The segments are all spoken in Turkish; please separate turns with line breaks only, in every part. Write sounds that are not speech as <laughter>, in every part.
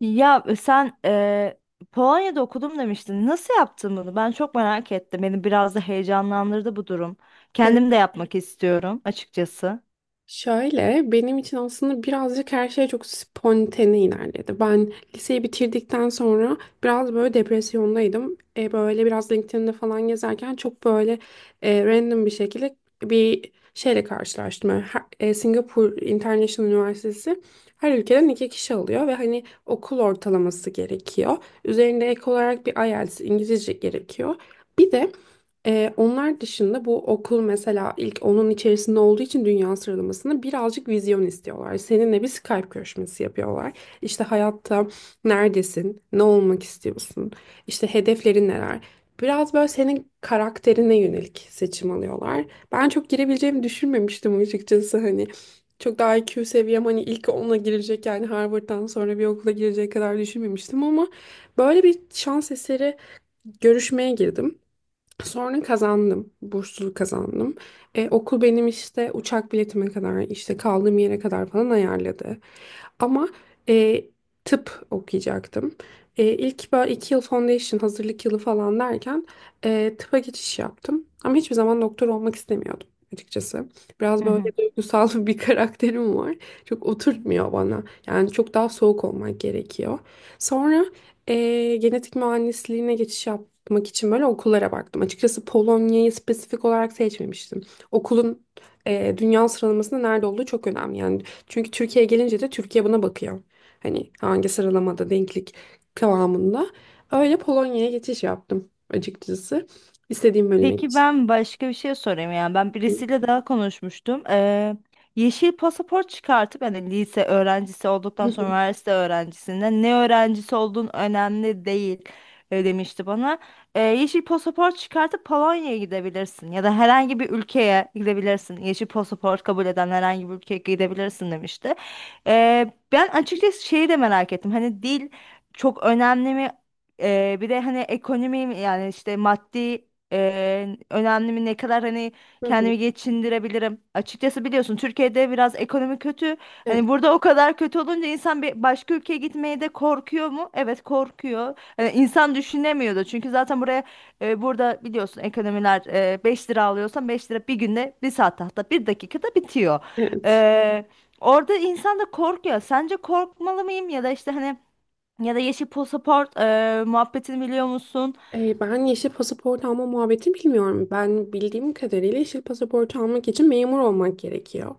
Sen Polonya'da okudum demiştin. Nasıl yaptın bunu? Ben çok merak ettim. Beni biraz da heyecanlandırdı bu durum.
Ee,
Kendim de yapmak istiyorum açıkçası.
Şöyle benim için aslında birazcık her şey çok spontane ilerledi. Ben liseyi bitirdikten sonra biraz böyle depresyondaydım. Böyle biraz LinkedIn'de falan gezerken çok böyle random bir şekilde bir şeyle karşılaştım. Yani Singapur International Üniversitesi her ülkeden 2 kişi alıyor ve hani okul ortalaması gerekiyor. Üzerinde ek olarak bir IELTS İngilizce gerekiyor. Bir de onlar dışında bu okul mesela ilk onun içerisinde olduğu için dünya sıralamasında birazcık vizyon istiyorlar. Seninle bir Skype görüşmesi yapıyorlar. İşte hayatta neredesin, ne olmak istiyorsun, işte hedeflerin neler. Biraz böyle senin karakterine yönelik seçim alıyorlar. Ben çok girebileceğimi düşünmemiştim açıkçası hani. Çok daha IQ seviyem hani ilk 10'a girecek, yani Harvard'dan sonra bir okula girecek kadar düşünmemiştim ama böyle bir şans eseri görüşmeye girdim. Sonra kazandım. Burslu kazandım. Okul benim işte uçak biletime kadar, işte kaldığım yere kadar falan ayarladı. Ama e, tıp okuyacaktım. İlk böyle 2 yıl foundation hazırlık yılı falan derken tıpa geçiş yaptım. Ama hiçbir zaman doktor olmak istemiyordum açıkçası. Biraz böyle duygusal <laughs> bir karakterim var. Çok oturtmuyor bana. Yani çok daha soğuk olmak gerekiyor. Sonra genetik mühendisliğine geçiş yapmak için böyle okullara baktım. Açıkçası Polonya'yı spesifik olarak seçmemiştim. Okulun dünya sıralamasında nerede olduğu çok önemli. Yani çünkü Türkiye gelince de Türkiye buna bakıyor. Hani hangi sıralamada denklik kıvamında. Öyle Polonya'ya geçiş yaptım açıkçası. İstediğim bölüme
Peki
geçiş
ben başka bir şey sorayım, yani ben
yaptım.
birisiyle daha konuşmuştum. Yeşil pasaport çıkartıp yani lise öğrencisi olduktan sonra
<laughs>
üniversite öğrencisinden ne öğrencisi olduğun önemli değil, demişti bana. Yeşil pasaport çıkartıp Polonya'ya gidebilirsin ya da herhangi bir ülkeye gidebilirsin. Yeşil pasaport kabul eden herhangi bir ülkeye gidebilirsin demişti. Ben açıkçası şeyi de merak ettim, hani dil çok önemli mi? Bir de hani ekonomi mi? Yani işte maddi önemli mi, ne kadar hani
Hı hı.
kendimi geçindirebilirim. Açıkçası biliyorsun Türkiye'de biraz ekonomi kötü.
Evet.
Hani burada o kadar kötü olunca insan bir başka ülkeye gitmeye de korkuyor mu? Evet korkuyor. Hani insan düşünemiyordu. Çünkü zaten buraya burada biliyorsun ekonomiler, 5 lira alıyorsan 5 lira bir günde, bir saatte, hatta bir dakikada bitiyor.
Evet.
Ee, Orada insan da korkuyor. Sence korkmalı mıyım, ya da işte hani ya da yeşil pasaport muhabbetini biliyor musun?
Ben yeşil pasaport alma muhabbetini bilmiyorum. Ben bildiğim kadarıyla yeşil pasaport almak için memur olmak gerekiyor.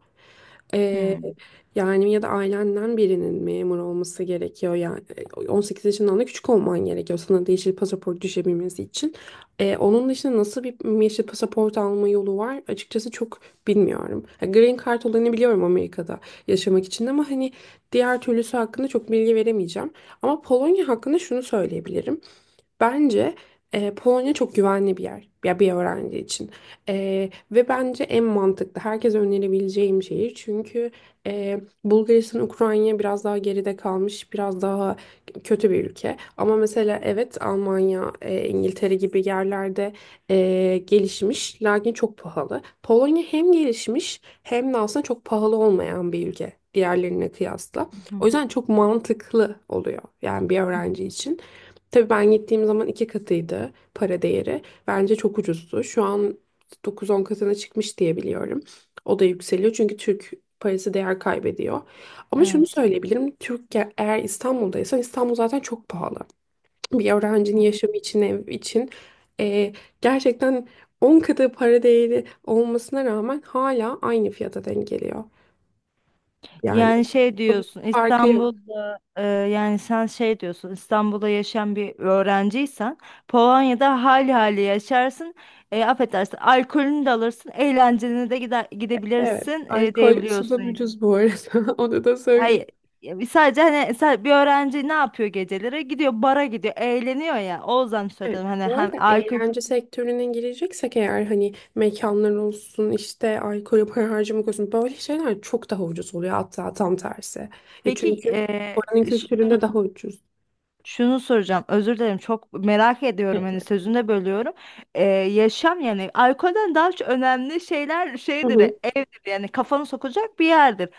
Ee,
Hmm.
Yani ya da ailenden birinin memur olması gerekiyor. Yani 18 yaşından da küçük olman gerekiyor sana da yeşil pasaport düşebilmesi için. Onun dışında nasıl bir yeşil pasaport alma yolu var? Açıkçası çok bilmiyorum. Ha, Green Card olanı biliyorum Amerika'da yaşamak için ama hani diğer türlüsü hakkında çok bilgi veremeyeceğim. Ama Polonya hakkında şunu söyleyebilirim. Bence Polonya çok güvenli bir yer ya bir öğrenci için. Ve bence en mantıklı herkese önerebileceğim şehir, çünkü Bulgaristan, Ukrayna biraz daha geride kalmış, biraz daha kötü bir ülke. Ama mesela evet, Almanya, İngiltere gibi yerlerde gelişmiş lakin çok pahalı. Polonya hem gelişmiş hem de aslında çok pahalı olmayan bir ülke diğerlerine kıyasla, o
Hı
yüzden çok mantıklı oluyor yani bir
hı.
öğrenci için. Tabii ben gittiğim zaman iki katıydı para değeri. Bence çok ucuzdu. Şu an dokuz on katına çıkmış diye biliyorum. O da yükseliyor çünkü Türk parası değer kaybediyor. Ama şunu
Evet.
söyleyebilirim. Eğer İstanbul'daysan İstanbul zaten çok pahalı. Bir öğrencinin yaşamı için, ev için eee, gerçekten 10 katı para değeri olmasına rağmen hala aynı fiyata denk geliyor. Yani
Yani şey
çok
diyorsun,
farkı yok.
İstanbul'da, yani sen şey diyorsun, İstanbul'da yaşayan bir öğrenciysen Polonya'da hali yaşarsın. Affedersin, alkolünü de alırsın, eğlencene de
Evet,
gidebilirsin,
alkol su da
diyebiliyorsun.
ucuz bu arada. <laughs> Onu da
Hayır,
söyleyeyim.
ya sadece hani bir öğrenci ne yapıyor, geceleri gidiyor bara, gidiyor eğleniyor, ya o yüzden
Evet.
söyledim hani
Bu
hem
arada
alkol.
eğlence sektörüne gireceksek eğer, hani mekanlar olsun işte alkole para harcamak olsun, böyle şeyler çok daha ucuz oluyor, hatta tam tersi.
Peki
Çünkü oranın kültüründe daha ucuz.
şunu soracağım. Özür dilerim. Çok merak ediyorum. Hani
Evet.
sözünde bölüyorum. Yaşam yani alkolden daha çok önemli şeyler
Hı
şeydir.
hı.
Evdir yani, kafanı sokacak bir yerdir.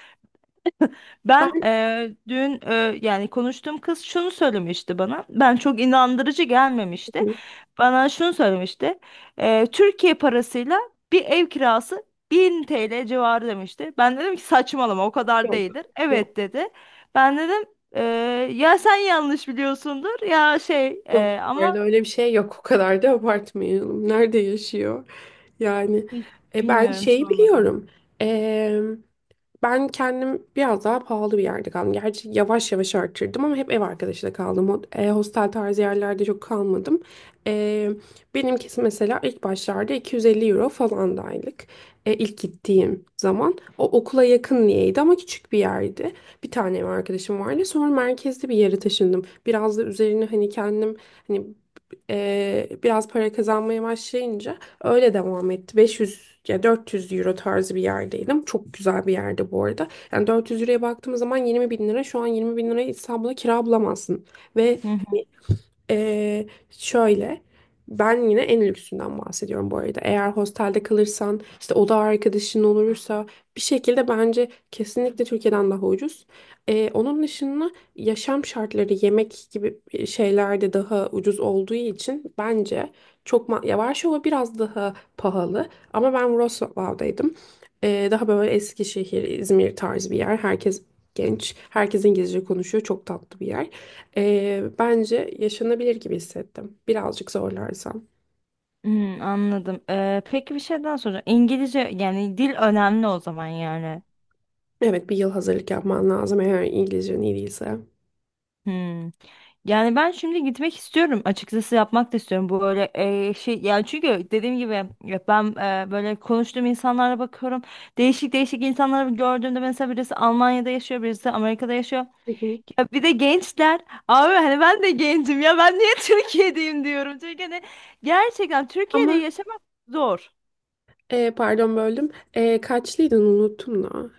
Ben
Ben
dün yani konuştuğum kız şunu söylemişti bana. Ben çok inandırıcı gelmemişti.
hı,
Bana şunu söylemişti. Türkiye parasıyla bir ev kirası 1000 TL civarı demişti. Ben dedim ki saçmalama, o kadar
Yok,
değildir.
yok,
Evet dedi. Ben dedim, "Eee, ya sen yanlış biliyorsundur ya şey
yok, bu arada
ama
öyle bir şey yok, o kadar da abartmayalım. Nerede yaşıyor? Yani
hiç
ben
bilmiyorum,
şeyi
sormadım.
biliyorum. Ben kendim biraz daha pahalı bir yerde kaldım. Gerçi yavaş yavaş arttırdım ama hep ev arkadaşıyla kaldım. Hostel tarzı yerlerde çok kalmadım. E, Benimkisi mesela ilk başlarda 250 euro falan da aylık. İlk gittiğim zaman. O okula yakın niyeydi ama küçük bir yerdi. Bir tane ev arkadaşım vardı. Sonra merkezde bir yere taşındım. Biraz da üzerine hani kendim hani biraz para kazanmaya başlayınca öyle devam etti. 500 ya 400 euro tarzı bir yerdeydim. Çok güzel bir yerde bu arada. Yani 400 euroya baktığımız zaman 20 bin lira. Şu an 20 bin liraya İstanbul'da kira bulamazsın. Ve
Hı hı.
şöyle, ben yine en lüksünden bahsediyorum bu arada. Eğer hostelde kalırsan, işte oda arkadaşın olursa, bir şekilde bence kesinlikle Türkiye'den daha ucuz. Onun dışında yaşam şartları yemek gibi şeyler de daha ucuz olduğu için bence ya, Varşova biraz daha pahalı ama ben Wrocław'daydım. Daha böyle Eskişehir, İzmir tarzı bir yer. Herkes genç, herkes İngilizce konuşuyor. Çok tatlı bir yer. Bence yaşanabilir gibi hissettim. Birazcık zorlarsam.
Hmm, anladım. Peki bir şey daha soracağım. İngilizce yani dil önemli o zaman, yani.
Evet, bir yıl hazırlık yapman lazım eğer İngilizcen iyi değilse. Hı
Hmm. Yani ben şimdi gitmek istiyorum. Açıkçası yapmak da istiyorum. Bu böyle şey, yani çünkü dediğim gibi ya ben böyle konuştuğum insanlara bakıyorum. Değişik değişik insanları gördüğümde mesela birisi Almanya'da yaşıyor, birisi Amerika'da yaşıyor.
hı.
Ya bir de gençler. Abi hani ben de gencim ya, ben niye <laughs> Türkiye'deyim diyorum. Çünkü hani gerçekten Türkiye'de
Ama
yaşamak zor.
pardon böldüm. Kaçlıydın unuttum da.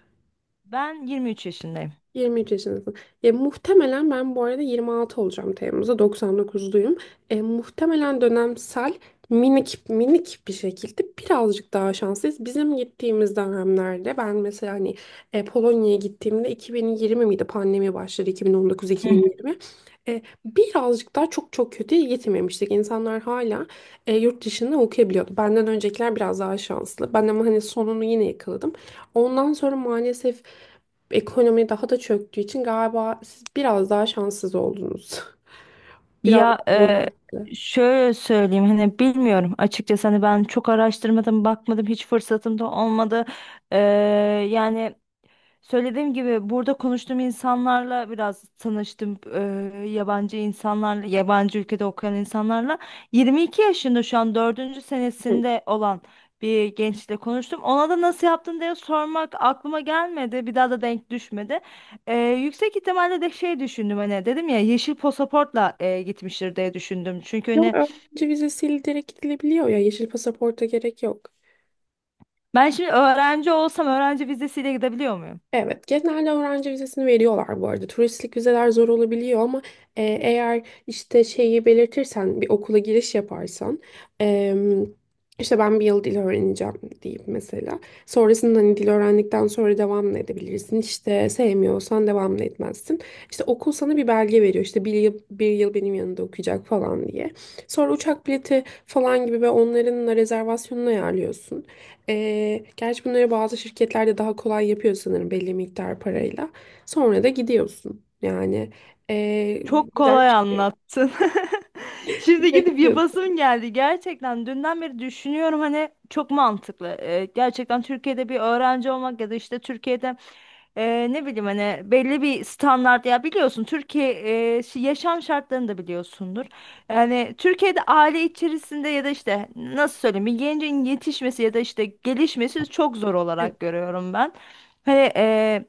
Ben 23 yaşındayım.
23 yaşındasın. Muhtemelen ben bu arada 26 olacağım Temmuz'da. 99'luyum. Muhtemelen dönemsel minik minik bir şekilde birazcık daha şanslıyız. Bizim gittiğimiz dönemlerde ben mesela hani Polonya'ya gittiğimde 2020 miydi? Pandemi başladı 2019-2020. Birazcık daha çok çok kötüye gitmemiştik. İnsanlar hala yurt dışında okuyabiliyordu. Benden öncekiler biraz daha şanslı. Ben ama hani sonunu yine yakaladım. Ondan sonra maalesef ekonomi daha da çöktüğü için galiba siz biraz daha şanssız oldunuz. <laughs> Biraz daha zorlandı.
Şöyle söyleyeyim, hani bilmiyorum açıkçası, hani ben çok araştırmadım, bakmadım, hiç fırsatım da olmadı. E, Yani söylediğim gibi burada konuştuğum insanlarla biraz tanıştım. Yabancı insanlarla, yabancı ülkede okuyan insanlarla. 22 yaşında şu an dördüncü
Hı.
senesinde olan bir gençle konuştum. Ona da nasıl yaptın diye sormak aklıma gelmedi. Bir daha da denk düşmedi. Yüksek ihtimalle de şey düşündüm, hani dedim ya yeşil pasaportla gitmiştir diye düşündüm. Çünkü
Yok,
hani
öğrenci vizesiyle direkt gidilebiliyor ya. Yeşil pasaporta gerek yok.
ben şimdi öğrenci olsam öğrenci vizesiyle gidebiliyor.
Evet, genelde öğrenci vizesini veriyorlar bu arada. Turistlik vizeler zor olabiliyor ama eğer işte şeyi belirtirsen, bir okula giriş yaparsan, e, işte ben bir yıl dil öğreneceğim deyip mesela. Sonrasında hani dil öğrendikten sonra devam da edebilirsin. İşte sevmiyorsan devam da etmezsin. İşte okul sana bir belge veriyor. İşte bir yıl, bir yıl benim yanında okuyacak falan diye. Sonra uçak bileti falan gibi ve onların da rezervasyonunu ayarlıyorsun. Gerçi bunları bazı şirketlerde daha kolay yapıyor sanırım belli miktar parayla. Sonra da gidiyorsun. Yani ee,
Çok
birden
kolay
çıkıyor.
anlattın. <laughs> Şimdi
Direkt
gidip
gidiyorsun.
yapasım geldi. Gerçekten dünden beri düşünüyorum, hani çok mantıklı. Gerçekten Türkiye'de bir öğrenci olmak ya da işte Türkiye'de, ne bileyim hani belli bir standart ya, biliyorsun Türkiye yaşam şartlarını da biliyorsundur. Yani Türkiye'de aile içerisinde ya da işte nasıl söyleyeyim bir gencin yetişmesi ya da işte gelişmesi çok zor
Evet.
olarak görüyorum ben. Hani e,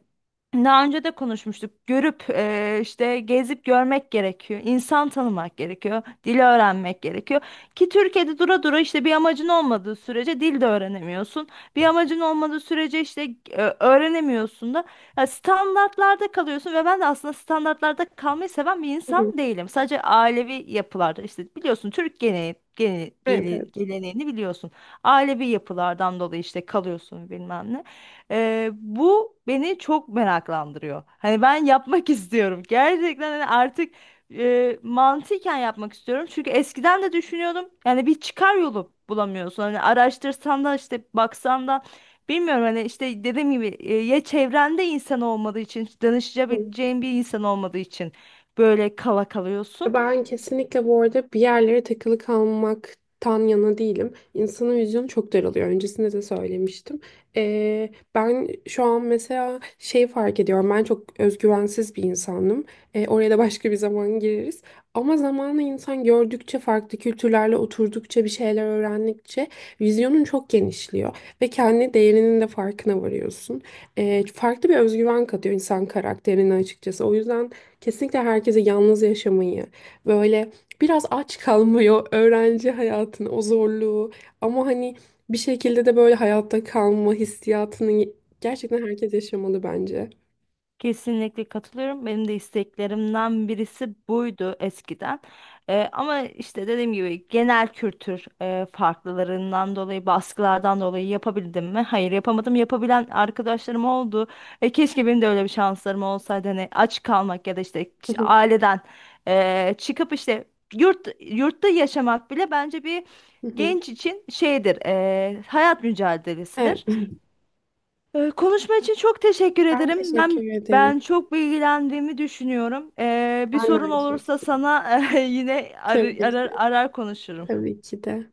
daha önce de konuşmuştuk. Görüp işte gezip görmek gerekiyor. İnsan tanımak gerekiyor. Dili öğrenmek gerekiyor. Ki Türkiye'de dura dura işte bir amacın olmadığı sürece dil de öğrenemiyorsun. Bir amacın olmadığı sürece işte öğrenemiyorsun da, ya standartlarda kalıyorsun ve ben de aslında standartlarda kalmayı seven bir
Hı hı.
insan değilim. Sadece ailevi yapılarda işte biliyorsun Türk geleneği,
Evet, evet.
geleneğini biliyorsun. Ailevi yapılardan dolayı işte kalıyorsun bilmem ne. Bu beni çok meraklandırıyor. Hani ben yapmak <laughs> istiyorum. Gerçekten hani artık mantıken yapmak istiyorum. Çünkü eskiden de düşünüyordum. Yani bir çıkar yolu bulamıyorsun. Hani araştırsan da işte baksan da bilmiyorum, hani işte dediğim gibi ya çevrende insan olmadığı için, danışabileceğin bir insan olmadığı için böyle kala kalıyorsun.
Ben kesinlikle bu arada bir yerlere takılı kalmaktan yana değilim. İnsanın vizyonu çok daralıyor. Öncesinde de söylemiştim. Ben şu an mesela şey fark ediyorum. Ben çok özgüvensiz bir insanım. Oraya da başka bir zaman gireriz. Ama zamanla insan gördükçe, farklı kültürlerle oturdukça, bir şeyler öğrendikçe vizyonun çok genişliyor. Ve kendi değerinin de farkına varıyorsun. Farklı bir özgüven katıyor insan karakterine açıkçası. O yüzden. Kesinlikle herkese yalnız yaşamayı, böyle biraz aç kalmıyor öğrenci hayatının o zorluğu, ama hani bir şekilde de böyle hayatta kalma hissiyatını gerçekten herkes yaşamalı bence.
Kesinlikle katılıyorum. Benim de isteklerimden birisi buydu eskiden. Ama işte dediğim gibi genel kültür farklılarından dolayı, baskılardan dolayı yapabildim mi? Hayır, yapamadım. Yapabilen arkadaşlarım oldu. Keşke benim de öyle bir şanslarım olsaydı. Hani aç kalmak ya da işte
Hı hı,
aileden çıkıp işte yurtta yaşamak bile bence bir
hı hı.
genç için şeydir, hayat
Evet,
mücadelesidir. Konuşma için çok teşekkür
ben
ederim.
teşekkür
Ben
ederim.
ben çok bilgilendiğimi düşünüyorum. Bir
Ben de
sorun
aynı
olursa
şekilde.
sana <laughs> yine
Tabii ki de.
arar konuşurum.
Tabii ki de.